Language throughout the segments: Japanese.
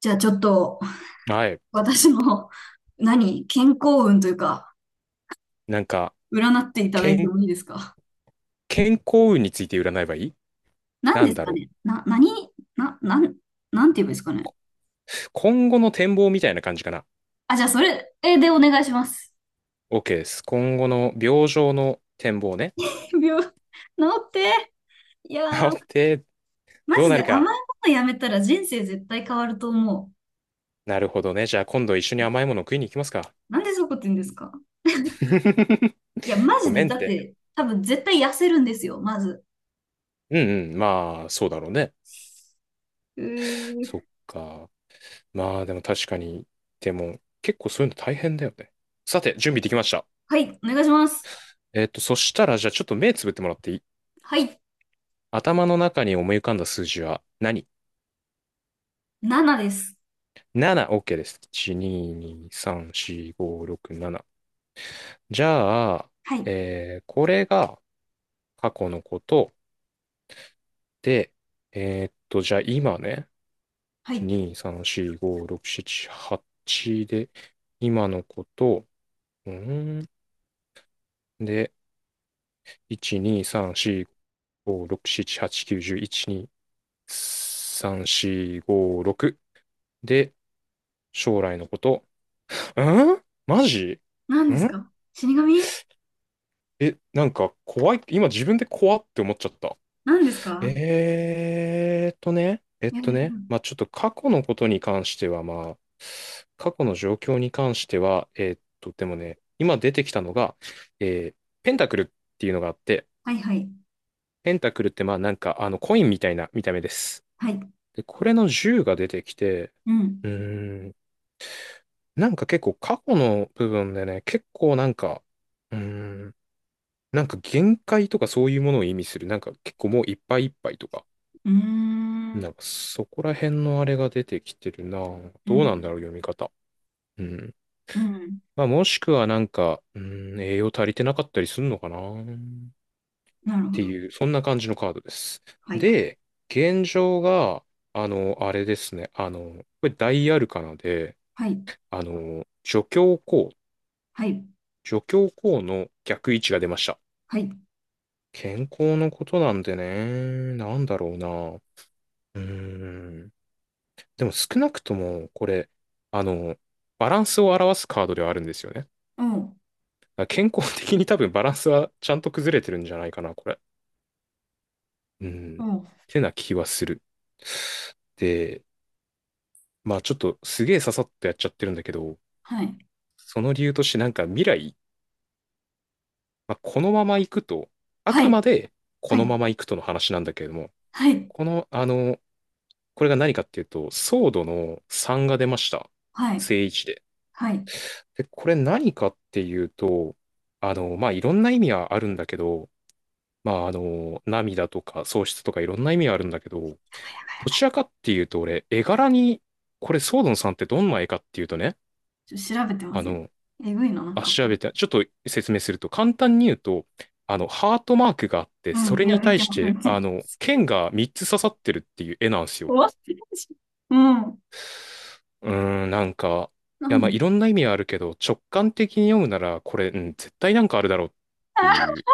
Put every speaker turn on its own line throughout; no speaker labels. じゃあちょっと
はい。
私の、何、健康運というか、
なんか、
占っていただいて
健、
もいいですか？
健康運について占えばいい？
何
な
で
ん
す
だ
か
ろ
ね。な、何な、なん、なんて言えばいいですかね？
う。今後の展望みたいな感じかな。
あ、じゃあそれでお願いします。
OK です。今後の病状の展望ね。
治って。いや ー、
治って
マ
どう
ジ
な
で
る
甘い
か。
ものやめたら人生絶対変わると思
なるほどね。じゃあ今度一緒に甘いもの食いに行きますか？
う。なんでそういうこと言うんですか？ いや、マ
ご
ジで、
めんっ
だっ
て。
て多分絶対痩せるんですよ、まず。
うんうん。まあ、そうだろうね。
う
そっ
ー。
か。まあ、でも確かに。でも、結構そういうの大変だよね。さて、準備できました。
はい、お願いします。
そしたら、じゃあちょっと目つぶってもらっていい？
はい、
頭の中に思い浮かんだ数字は何？
7です。
7、OK です。1、2、2、3、4、5、6、7。じゃあ、
はい、
これが過去のことで、じゃあ今ね、
は
1、
い。
2、3、4、5、6、7、8で、今のこと、うーん、で、1、2、3、4、5、6、7、8、9、10、1、2、3、4、5、6で、将来のこと、うんマジ
何です
ん。
か、死神？
え、なんか怖い、今自分で怖って思っちゃった。
何ですか？
ね、えっ
や
と
だやだ。
ね、まあちょっと過去のことに関しては、まあ過去の状況に関しては、でもね、今出てきたのが、えーペンタクルっていうのがあって、
はいはい。
ペンタクルってまあなんかあのコインみたいな見た目です。
はい。
で、これの銃が出てきて、
うん。
うーん、なんか結構過去の部分でね、結構なんか、うーん、なんか限界とかそういうものを意味する、なんか結構もういっぱいいっぱいとか、
うー
な
ん。
んかそこら辺のあれが出てきてるな。
う
どうな
ん。
んだろう、読み方。うん。
うん。
まあ、もしくはなんか、うん、栄養足りてなかったりするのかなっ
なるほ
て
ど。
いう、そんな感じのカードです。
はい。
で、現状が、あの、あれですね。あの、これ大アルカナで、
はい。
あの、助教皇、
はい。
助教皇の逆位置が出ました。
はい。
健康のことなんでね、なんだろうな。うーん。でも少なくとも、これ、あの、バランスを表すカードではあるんですよね。だか
おう。
ら健康的に多分バランスはちゃんと崩れてるんじゃないかな、これ。うん。っ
おう。
てな気はする。で、まあちょっとすげえささっとやっちゃってるんだけど、
はい。
その理由としてなんか未来、まあ、このまま行くと、あ
は
くま
い。
でこ
は
の
い。
まま行くとの話なんだけれども、
はい。
この、あの、これが何かっていうと、ソードの3が出ました。
はい。
正位置で。
はい。やば
で、これ何かっていうと、あの、まあ、いろんな意味はあるんだけど、まあ、あの、涙とか喪失とかいろんな意味はあるんだけ
い、
ど、
や
ど
ばい。
ちらかっていうと、俺、絵柄に、これ、ソードンさんってどんな絵かっていうとね、
ちょっと調べてま
あ
せん。
の、
えぐいな、なん
あ、
かこ
調
れ。
べて、ちょっと説明すると、簡単に言うと、あの、ハートマークがあって、
う
そ
ん。
れ
いや、
に
見
対
て
し
ます、見
て、
てま
あの、
す。
剣が3つ刺さってるっていう絵なんです
終
よ。
わってるし。うん。
うーん、なんか、
な
いや、
ん
まあ、
で？
いろんな意味はあるけど、直感的に読むなら、これ、うん、絶対なんかあるだろうってい う。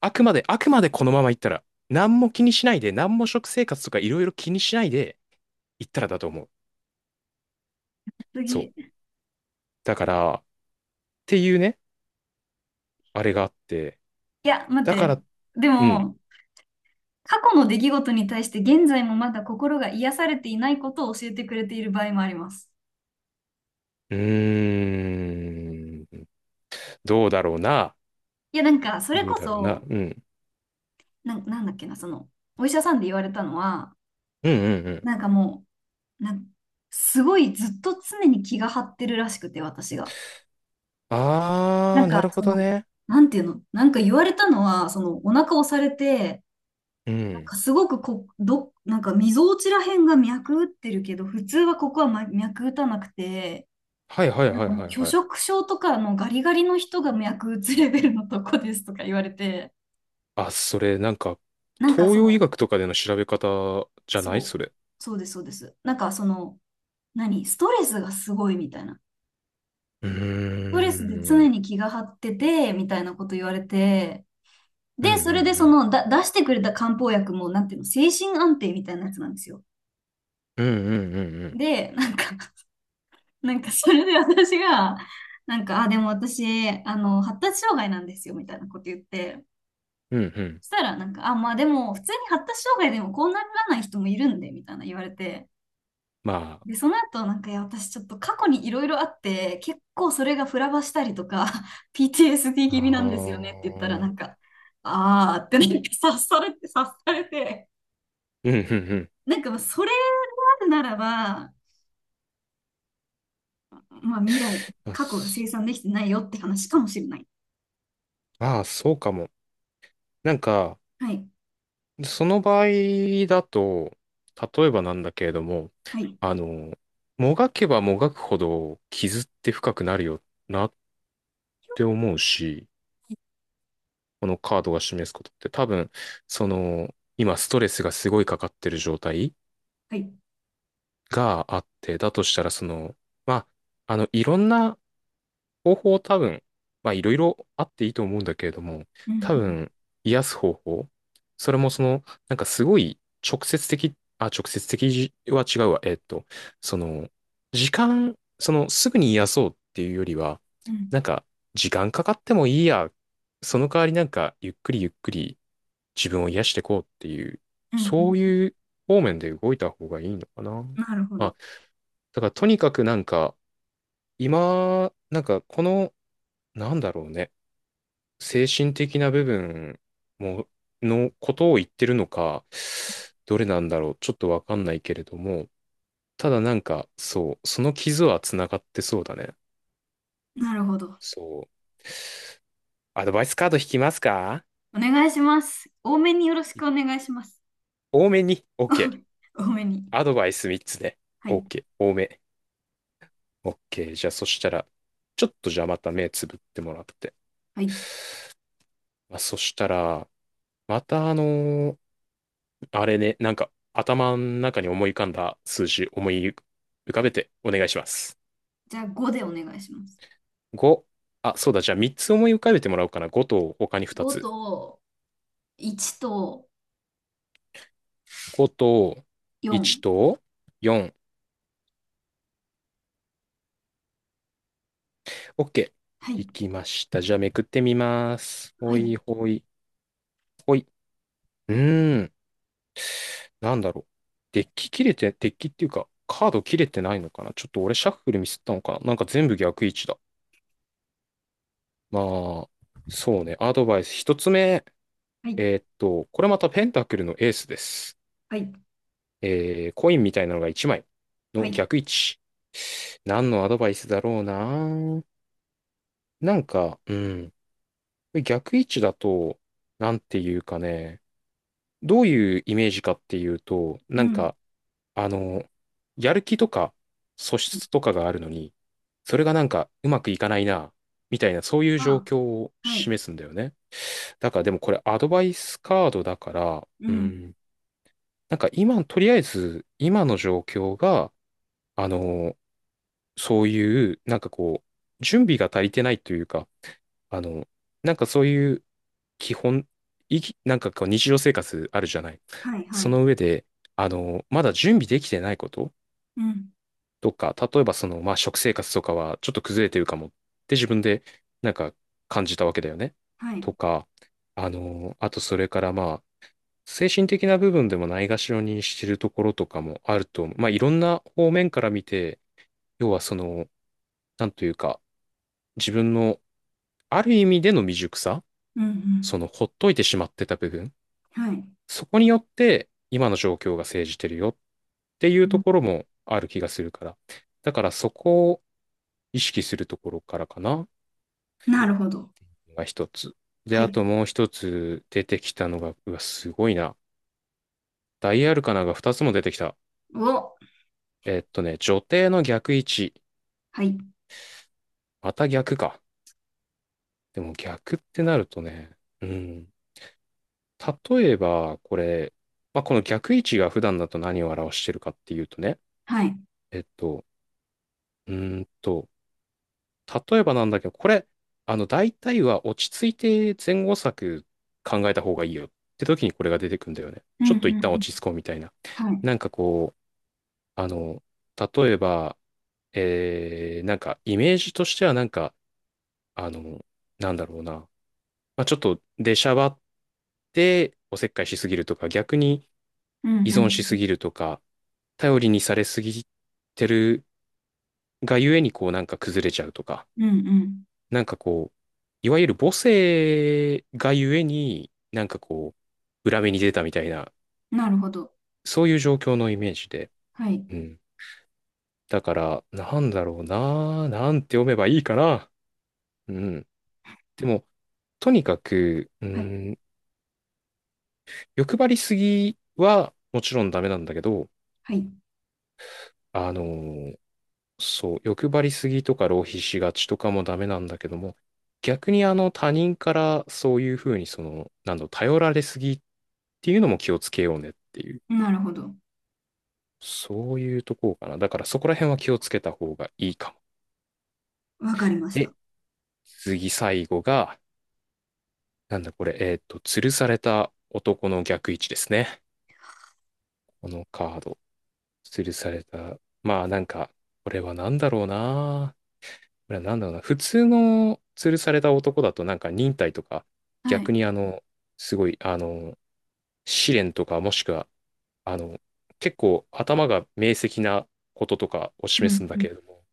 あくまで、あくまでこのまま行ったら、何も気にしないで、何も食生活とかいろいろ気にしないで行ったらだと思う。
次。
そう。
い
だから、っていうね、あれがあって。
や、待っ
だか
て。
ら、
で
うん。
も、過去の出来事に対して現在もまだ心が癒されていないことを教えてくれている場合もあります。
うーん。どうだろうな。
いや、なんか、それ
どう
こ
だろうな。
そ、
うん。
なんだっけな、その、お医者さんで言われたのは、
うんうんうん。
なんかもう、すごいずっと常に気が張ってるらしくて、私が。な
あ
ん
ー、な
か、
るほ
そ
ど
の、
ね。
なんていうの、なんか言われたのは、その、お腹押されて、
う
なん
ん。
かすごくなんか、みぞおちらへんが脈打ってるけど、普通はここは、ま、脈打たなくて、
はいはい
なん
はい
かも
は
う
い
拒
はい。
食症とかのガリガリの人が薬物レベルのとこですとか言われて、
あ、それなんか、
なんか
東
そ
洋医
の、
学とかでの調べ方じゃない
そう、
それ？
そうです、そうです。なんかその、何、ストレスがすごいみたいな。ス
う
トレスで
ー
常
ん。
に気が張ってて、みたいなこと言われて、
うんう
で、
ん
それで
う
そ
ん。
の、出してくれた漢方薬も、なんていうの、精神安定みたいなやつなんですよ。
うんうんうんうん。
で、なんか、 なんかそれで私が、なんか、あ、でも私、あの、発達障害なんですよ、みたいなこと言って、
うんうん。
したら、なんか、あ、まあでも、普通に発達障害でもこうならない人もいるんで、みたいな言われて。
ま
で、その後、なんか、いや、私ちょっと過去にいろいろあって、結構それがフラバしたりとか、PTSD
あ、
気味
あ
な
あ
んですよねって言ったら、な
ー。
んか、あーってなんか察されて、察されて、
うん、うん、うん。
なんか、それがあるならば、まあ未来、
まあ、
過去が生
す。
産できてないよって話かもしれない。
まあーそうかも。なんか、
はい。
その場合だと、例えばなんだけれども、
はい。
あの、もがけばもがくほど傷って深くなるよなって思うし、このカードが示すことって多分、その、今ストレスがすごいかかってる状態
はい。
があって、だとしたらその、まあ、あの、いろんな方法多分、まあいろいろあっていいと思うんだけれども、
う
多
ん。
分、癒す方法、それもその、なんかすごい直接的、あ、直接的は違うわ。その、時間、その、すぐに癒そうっていうよりは、
うん。
なんか、時間かかってもいいや。その代わりなんか、ゆっくりゆっくり自分を癒していこうっていう、
うん。うん。う
そう
ん。
いう方面で動いた方がいいのかな。
なるほ
あ、
ど。
だからとにかくなんか、今、なんかこのなんだろうね。精神的な部分も、のことを言ってるのか、どれなんだろう。ちょっとわかんないけれども、ただなんか、そう、その傷は繋がってそうだね。
なるほど。
そう。アドバイスカード引きますか？
お願いします。多めによろしくお願いします。
多めに。OK。
多めに。
アドバイス3つね。
はい。
OK。多め。OK。じゃあそしたら、ちょっとじゃあまた目つぶってもらって。
はい。
まあ、そしたら、またあれね、なんか頭の中に思い浮かんだ数字思い浮かべてお願いします。
じゃあごでお願いします。
5、あ、そうだ、じゃあ3つ思い浮かべてもらおうかな。5と他に2
5
つ。
と1と
5と
4。
1と4。OK。
はい。
いきました。じゃあめくってみます。
は
ほ
い。
いほいほい。うーん、なんだろう。デッキ切れて、デッキっていうか、カード切れてないのかな。ちょっと俺シャッフルミスったのかな。なんか全部逆位置だ。まあ、そうね。アドバイス。1つ目。
はい。
これまたペンタクルのエースです。
はい。
えー、コインみたいなのが1枚
は
の
い。
逆位置。何のアドバイスだろうな。なんか、うん。逆位置だと、なんていうかね、どういうイメージかっていうと、
う
なん
ん。
か、あの、やる気とか素質とかがあるのに、それがなんかうまくいかないな、みたいな、そういう状
あ、
況を
はい。
示すんだよね。だからでもこれアドバイスカードだから、
う
う
ん。
ん。なんか今、とりあえず、今の状況が、あの、そういう、なんかこう、準備が足りてないというか、あの、なんかそういう基本、いき、なんかこう日常生活あるじゃない。
はい。は
そ
い。
の上で、あの、まだ準備できてないこと
うん。
とか、例えばその、まあ、食生活とかはちょっと崩れてるかもって自分で、なんか感じたわけだよね。
はい。
とか、あの、あとそれからまあ、精神的な部分でもないがしろにしてるところとかもあると思う。まあ、いろんな方面から見て、要はその、なんというか、自分のある意味での未熟さ、
うん。うん。
その、ほっといてしまってた部分、
はい。
そこによって、今の状況が生じてるよっていう
う
と
ん。
ころもある気がするから。だからそこを意識するところからかな、
なるほど。
が一つ。で、
は
あ
い。
ともう一つ出てきたのが、うわ、すごいな。ダイアルカナが二つも出てきた。
お。
女帝の逆位置。
はい。
また逆か。でも逆ってなるとね、うん。例えば、これ、まあ、この逆位置が普段だと何を表してるかっていうとね、
はい。
えっと、うーんと、例えばなんだけど、これ、あの、大体は落ち着いて前後策考えた方がいいよって時にこれが出てくんだよね。
う
ち
ん。
ょ
う
っと一
ん。
旦
うん。
落ち着こうみたいな。
はい。
なんかこう、あの、例えば、なんかイメージとしてはなんか、あの、なんだろうな。まあ、ちょっと出しゃばっておせっかいしすぎるとか、逆に
うん。う
依存しす
ん。
ぎるとか、頼りにされすぎてるがゆえにこうなんか崩れちゃうとか、
うん。うん。
なんかこう、いわゆる母性がゆえになんかこう、裏目に出たみたいな、
なるほど。
そういう状況のイメージで。
はい。
うん。だから、なんだろうな、なんて読めばいいかな。うん。でも、とにかく、う
はい。
ん、欲張りすぎはもちろんダメなんだけど、
はい。
あのーそう、欲張りすぎとか浪費しがちとかもダメなんだけども、逆にあの他人からそういうふうにその、なんだろう、頼られすぎっていうのも気をつけようねっていう、
なるほど。
そういうとこかな。だからそこら辺は気をつけた方がいいかも。
わかりました。
で、次最後が、なんだこれ、吊るされた男の逆位置ですね。このカード。吊るされた。まあなんか、これはなんだろうな。なんだろうな、普通の吊るされた男だとなんか忍耐とか、
はい。
逆にあの、すごい、あの、試練とかもしくは、あの、結構頭が明晰なこととかを
う
示
ん
すんだ
うん。
けれども、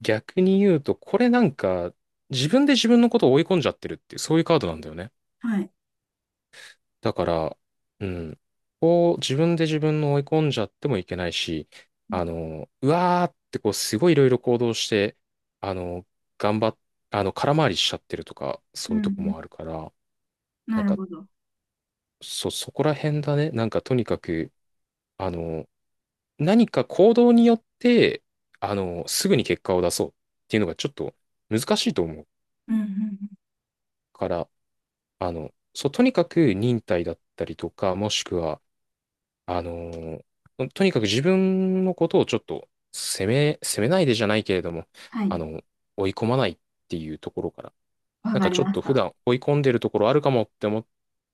逆に言うと、これなんか自分で自分のことを追い込んじゃってるっていう、そういうカードなんだよね。
はい。
だから、うん、こう自分で自分の追い込んじゃってもいけないし、あの、うわーってこうすごいいろいろ行動して、あの、頑張っ、あの、空回りしちゃってるとか、
う
そ
ん
ういうと
う
こ
ん。
もあるから、
な
なん
る
か、
ほど。
そこら辺だね。なんかとにかく、あの、何か行動によって、あの、すぐに結果を出そうっていうのがちょっと難しいと思う
うんうんうん。
から、あの、そう、とにかく忍耐だったりとか、もしくは、あのーとにかく自分のことをちょっと責めないでじゃないけれども、
は
あ
い。
の、追い込まないっていうところから、
わ
なん
か
か
り
ちょっ
まし
と普
た。
段追い込んでるところあるかもって思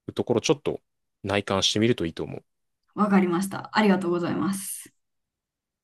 うところ、ちょっと内観してみるといいと思う。
わかりました。ありがとうございます。